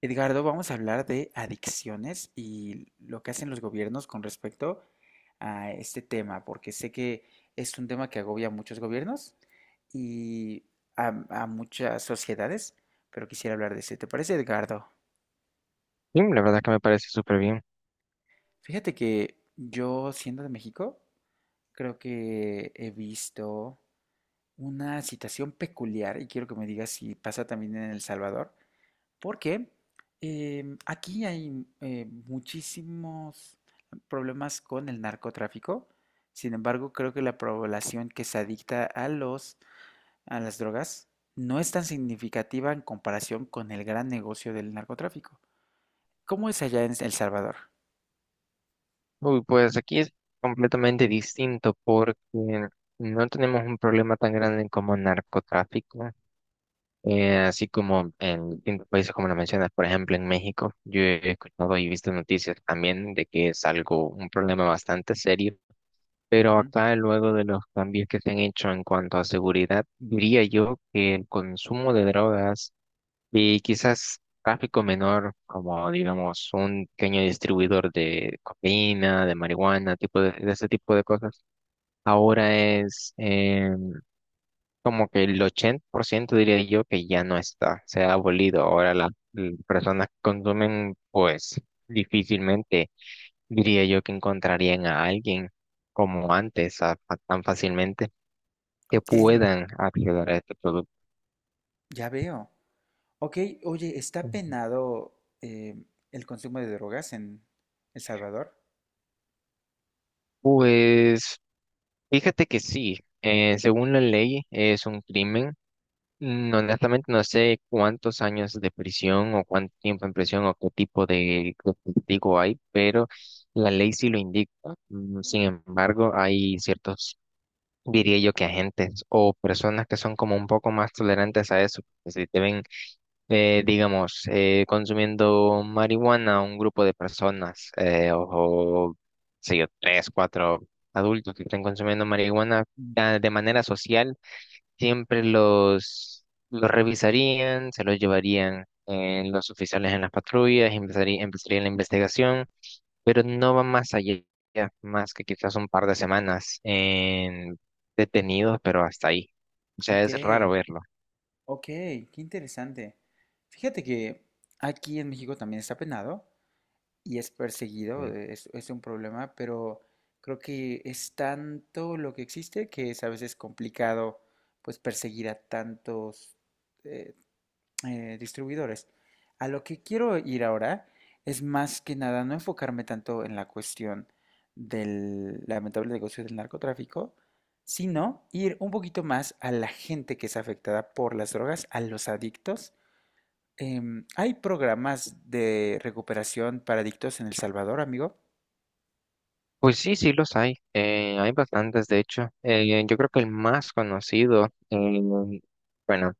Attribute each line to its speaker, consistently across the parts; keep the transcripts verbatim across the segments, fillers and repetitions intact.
Speaker 1: Edgardo, vamos a hablar de adicciones y lo que hacen los gobiernos con respecto a este tema, porque sé que es un tema que agobia a muchos gobiernos y a, a muchas sociedades, pero quisiera hablar de ese. ¿Te parece, Edgardo?
Speaker 2: Sí, la verdad que me parece súper bien.
Speaker 1: Fíjate que yo, siendo de México, creo que he visto una situación peculiar y quiero que me digas si pasa también en El Salvador. Porque em, aquí hay eh, muchísimos problemas con el narcotráfico. Sin embargo, creo que la población que se adicta a los, a las drogas no es tan significativa en comparación con el gran negocio del narcotráfico. ¿Cómo es allá en El Salvador?
Speaker 2: Uy, pues aquí es completamente distinto porque no tenemos un problema tan grande como narcotráfico, eh, así como en distintos países como lo mencionas, por ejemplo en México. Yo he escuchado y visto noticias también de que es algo, un problema bastante serio, pero
Speaker 1: Ujú.
Speaker 2: acá luego de los cambios que se han hecho en cuanto a seguridad, diría yo que el consumo de drogas y quizás tráfico menor, como digamos un pequeño distribuidor de cocaína, de marihuana, tipo de, de ese tipo de cosas. Ahora es eh, como que el ochenta por ciento diría yo que ya no está, se ha abolido. Ahora la- las personas que consumen, pues difícilmente diría yo que encontrarían a alguien como antes, a- a- tan fácilmente, que
Speaker 1: Ok,
Speaker 2: puedan acceder a este producto.
Speaker 1: ya veo. Ok, oye, ¿está penado em, el consumo de drogas en El Salvador?
Speaker 2: Pues fíjate que sí, eh, según la ley es un crimen. Mm. Honestamente no sé cuántos años de prisión o cuánto tiempo en prisión o qué tipo de castigo hay, pero la ley sí lo indica. Mm. Sin embargo, hay ciertos, diría yo, que agentes o personas que son como un poco más tolerantes a eso, que si te ven eh, digamos, eh, consumiendo marihuana un grupo de personas, eh, o, o, sé yo, tres, cuatro adultos que estén consumiendo marihuana ya de manera social, siempre los, los revisarían, se los llevarían, eh, los oficiales en las patrullas. Empezaría, empezaría la investigación, pero no va más allá, más que quizás un par de semanas en detenidos, pero hasta ahí. O sea,
Speaker 1: Ok.
Speaker 2: es raro verlo.
Speaker 1: Ok, qué interesante. Fíjate que aquí en México también está penado y es perseguido, eh, es, es un problema, pero creo que es tanto lo que existe que es a veces complicado pues perseguir a tantos, eh, eh, distribuidores. A lo que quiero ir ahora es más que nada no enfocarme tanto en la cuestión del lamentable negocio del narcotráfico, sino ir un poquito más a la gente que es afectada por las drogas, a los adictos. Em, ¿hay programas de recuperación para adictos en El Salvador, amigo?
Speaker 2: Pues sí, sí los hay. Eh, hay bastantes, de hecho. Eh, yo creo que el más conocido, eh, bueno,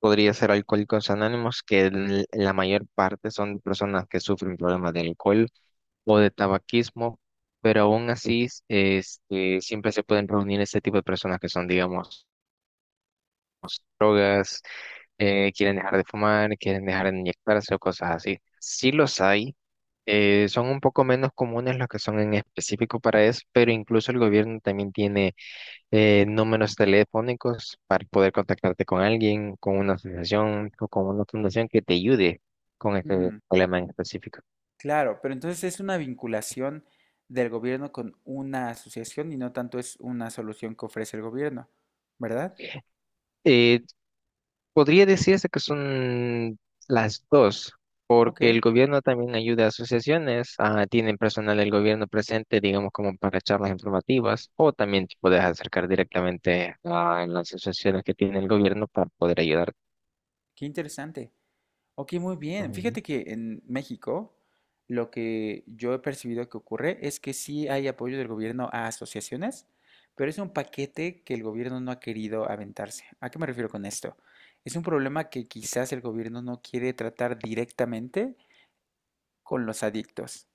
Speaker 2: podría ser Alcohólicos Anónimos, que el- la mayor parte son personas que sufren problemas de alcohol o de tabaquismo, pero aún así, este, siempre se pueden reunir este tipo de personas que son, digamos, drogas. Eh, quieren dejar de fumar, quieren dejar de inyectarse o cosas así. Sí los hay, eh, son un poco menos comunes los que son en específico para eso, pero incluso el gobierno también tiene eh, números telefónicos para poder contactarte con alguien, con una asociación o con una fundación que te ayude con este
Speaker 1: Mm,
Speaker 2: problema en específico.
Speaker 1: claro, pero entonces es una vinculación del gobierno con una asociación y no tanto es una solución que ofrece el gobierno, ¿verdad?
Speaker 2: Eh, podría decirse que son las dos.
Speaker 1: Ok.
Speaker 2: Que el gobierno también ayuda a asociaciones, ah, tienen personal del gobierno presente, digamos, como para charlas informativas, o también te puedes acercar directamente a en las asociaciones que tiene el gobierno para poder ayudar.
Speaker 1: Qué interesante. Ok, muy bien.
Speaker 2: Ujú.
Speaker 1: Fíjate que en México lo que yo he percibido que ocurre es que sí hay apoyo del gobierno a asociaciones, pero es un paquete que el gobierno no ha querido aventarse. ¿A qué me refiero con esto? Es un problema que quizás el gobierno no quiere tratar directamente con los adictos.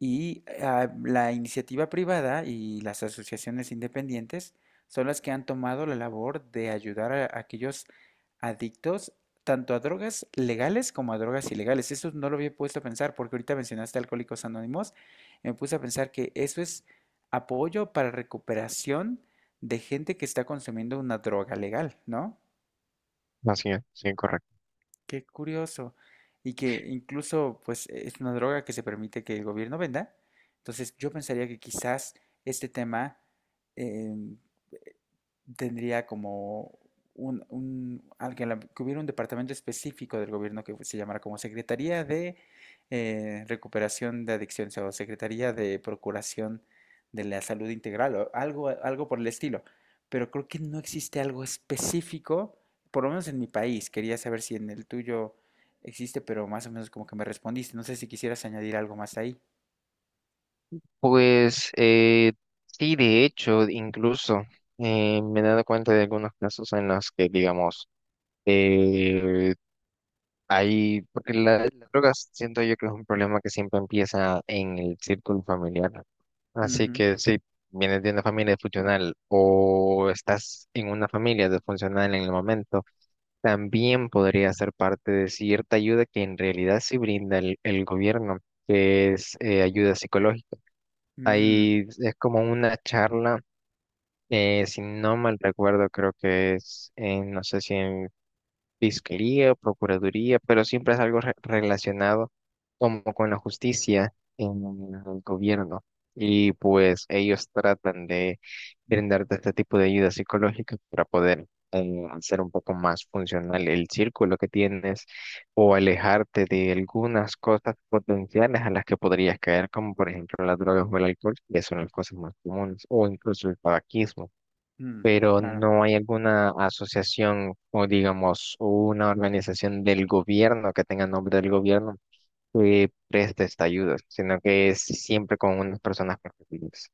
Speaker 1: Y ah, la iniciativa privada y las asociaciones independientes son las que han tomado la labor de ayudar a aquellos adictos tanto a drogas legales como a drogas ilegales. Eso no lo había puesto a pensar porque ahorita mencionaste Alcohólicos Anónimos y me puse a pensar que eso es apoyo para recuperación de gente que está consumiendo una droga legal, ¿no?
Speaker 2: Así es, sí, correcto.
Speaker 1: Qué curioso. Y que incluso, pues, es una droga que se permite que el gobierno venda. Entonces, yo pensaría que quizás este tema, eh, tendría como un, un alguien, que hubiera un departamento específico del gobierno que se llamara como Secretaría de eh, Recuperación de Adicciones o Secretaría de Procuración de la Salud Integral o algo, algo por el estilo. Pero creo que no existe algo específico, por lo menos en mi país. Quería saber si en el tuyo existe, pero más o menos como que me respondiste. No sé si quisieras añadir algo más ahí.
Speaker 2: Pues eh, sí, de hecho, incluso, eh, me he dado cuenta de algunos casos en los que, digamos, eh, hay, porque la, las drogas siento yo que es un problema que siempre empieza en el círculo familiar. Así
Speaker 1: Ujú.
Speaker 2: que si vienes de una familia funcional o estás en una familia disfuncional en el momento, también podría ser parte de cierta ayuda que en realidad sí brinda el, el gobierno, que es eh, ayuda psicológica.
Speaker 1: Mm.
Speaker 2: Ahí es como una charla, eh, si no mal recuerdo, creo que es, en, no sé si en fiscalía, procuraduría, pero siempre es algo re- relacionado como con la justicia en el gobierno. Y pues ellos tratan de brindarte este tipo de ayuda psicológica para poder eh, hacer un poco más funcional el círculo que tienes o alejarte de algunas cosas potenciales a las que podrías caer, como por ejemplo las drogas o el alcohol, que son las cosas más comunes, o incluso el tabaquismo.
Speaker 1: Mm,
Speaker 2: Pero
Speaker 1: claro.
Speaker 2: no hay alguna asociación o digamos una organización del gobierno que tenga nombre del gobierno que preste esta ayuda, sino que es siempre con unas personas particulares.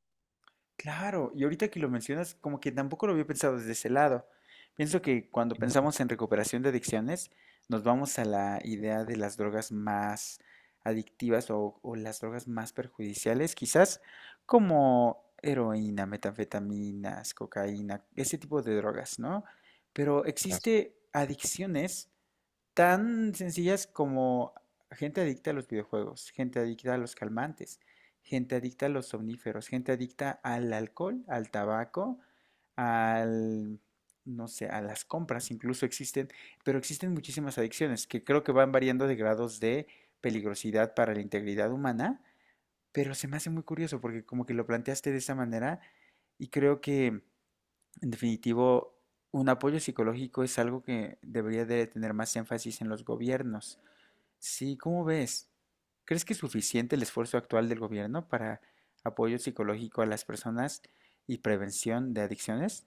Speaker 1: Claro, y ahorita que lo mencionas, como que tampoco lo había pensado desde ese lado. Pienso que cuando pensamos en recuperación de adicciones, nos vamos a la idea de las drogas más adictivas o, o las drogas más perjudiciales, quizás como heroína, metanfetaminas, cocaína, ese tipo de drogas, ¿no? Pero
Speaker 2: Entonces,
Speaker 1: existe adicciones tan sencillas como gente adicta a los videojuegos, gente adicta a los calmantes, gente adicta a los somníferos, gente adicta al alcohol, al tabaco, al, no sé, a las compras incluso existen, pero existen muchísimas adicciones que creo que van variando de grados de peligrosidad para la integridad humana, pero se me hace muy curioso porque como que lo planteaste de esa manera y creo que en definitivo, un apoyo psicológico es algo que debería de tener más énfasis en los gobiernos. Sí, ¿cómo ves? ¿Crees que es suficiente el esfuerzo actual del gobierno para apoyo psicológico a las personas y prevención de adicciones?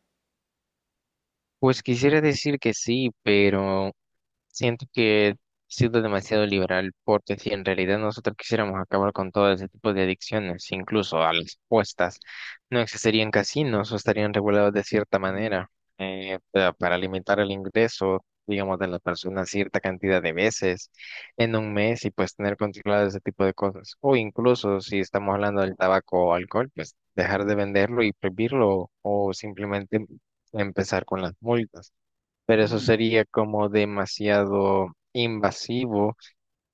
Speaker 2: pues quisiera decir que sí, pero siento que he sido demasiado liberal, porque si en realidad nosotros quisiéramos acabar con todo ese tipo de adicciones, incluso a las apuestas, no existirían casinos o estarían regulados de cierta
Speaker 1: Mm.
Speaker 2: manera, eh, pa- para limitar el ingreso, digamos, de la persona cierta cantidad de veces en un mes y pues tener controlado ese tipo de cosas. O incluso si estamos hablando del tabaco o alcohol, pues dejar de venderlo y prohibirlo o simplemente empezar con las multas. Pero eso
Speaker 1: Mm,
Speaker 2: sería como demasiado invasivo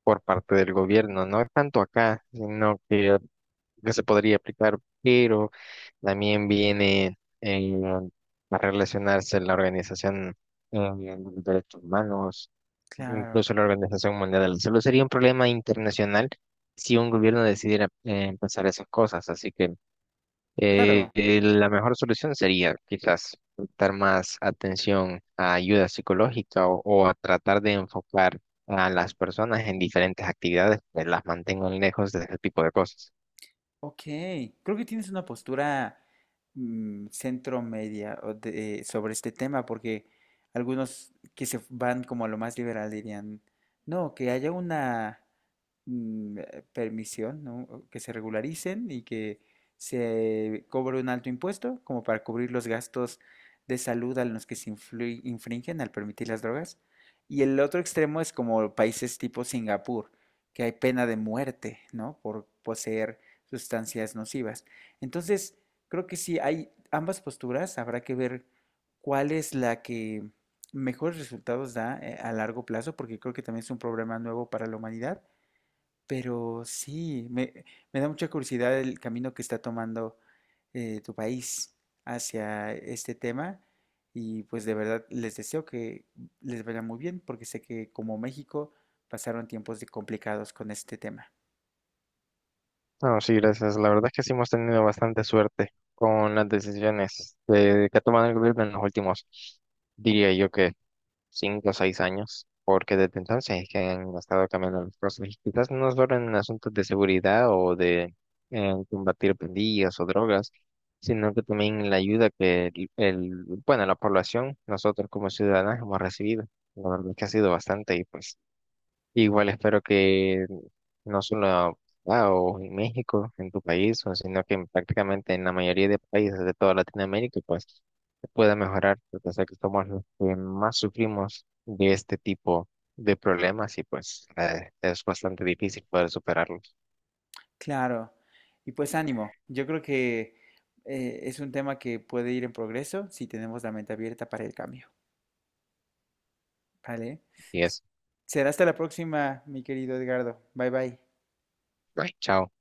Speaker 2: por parte del gobierno, no tanto acá, sino que, que se podría aplicar, pero también viene, eh, a relacionarse la organización eh, de los derechos humanos,
Speaker 1: claro,
Speaker 2: incluso la Organización Mundial de la Salud. Sería un problema internacional si un gobierno decidiera, eh, empezar esas cosas, así que eh,
Speaker 1: claro,
Speaker 2: eh, la mejor solución sería quizás prestar más atención a ayuda psicológica o, o a tratar de enfocar a las personas en diferentes actividades que las mantengan lejos de ese tipo de cosas.
Speaker 1: ok. Creo que tienes una postura mm, centro media o de- sobre este tema, porque algunos que se van como a lo más liberal dirían, no, que haya una mm, eh, permisión, ¿no? O que se regularicen y que se cobre un alto impuesto como para cubrir los gastos de salud a los que se influi- infringen al permitir las drogas. Y el otro extremo es como países tipo Singapur, que hay pena de muerte, ¿no? Por poseer sustancias nocivas. Entonces, creo que sí hay ambas posturas, habrá que ver cuál es la que mejores resultados da eh, a largo plazo, porque creo que también es un problema nuevo para la humanidad, pero sí, me, me da mucha curiosidad el camino que está tomando eh, tu país hacia este tema y pues de verdad les deseo que les vaya muy bien porque sé que como México pasaron tiempos de complicados con este tema.
Speaker 2: No, sí, gracias. La verdad es que sí hemos tenido bastante suerte con las decisiones, eh, que ha tomado el gobierno en los últimos, diría yo que cinco o seis años, porque desde entonces es que han estado cambiando las cosas. Y quizás no solo en asuntos de seguridad o de eh, combatir pandillas o drogas, sino que también la ayuda que el, el- bueno, la población, nosotros como ciudadanos hemos recibido. La verdad es que ha sido bastante y pues igual espero que no solo ah, o en México, en tu país, o sino que en prácticamente en la mayoría de países de toda Latinoamérica, pues se pueda mejorar, porque sé que somos los que más sufrimos de este tipo de problemas y pues eh, es bastante difícil poder superarlos.
Speaker 1: Claro, y pues ánimo, yo creo que eh, es un tema que puede ir en progreso si tenemos la mente abierta para el cambio, ¿vale?
Speaker 2: Así
Speaker 1: S-
Speaker 2: es.
Speaker 1: Será hasta la próxima, mi querido Edgardo. Bye bye.
Speaker 2: Bye, chao.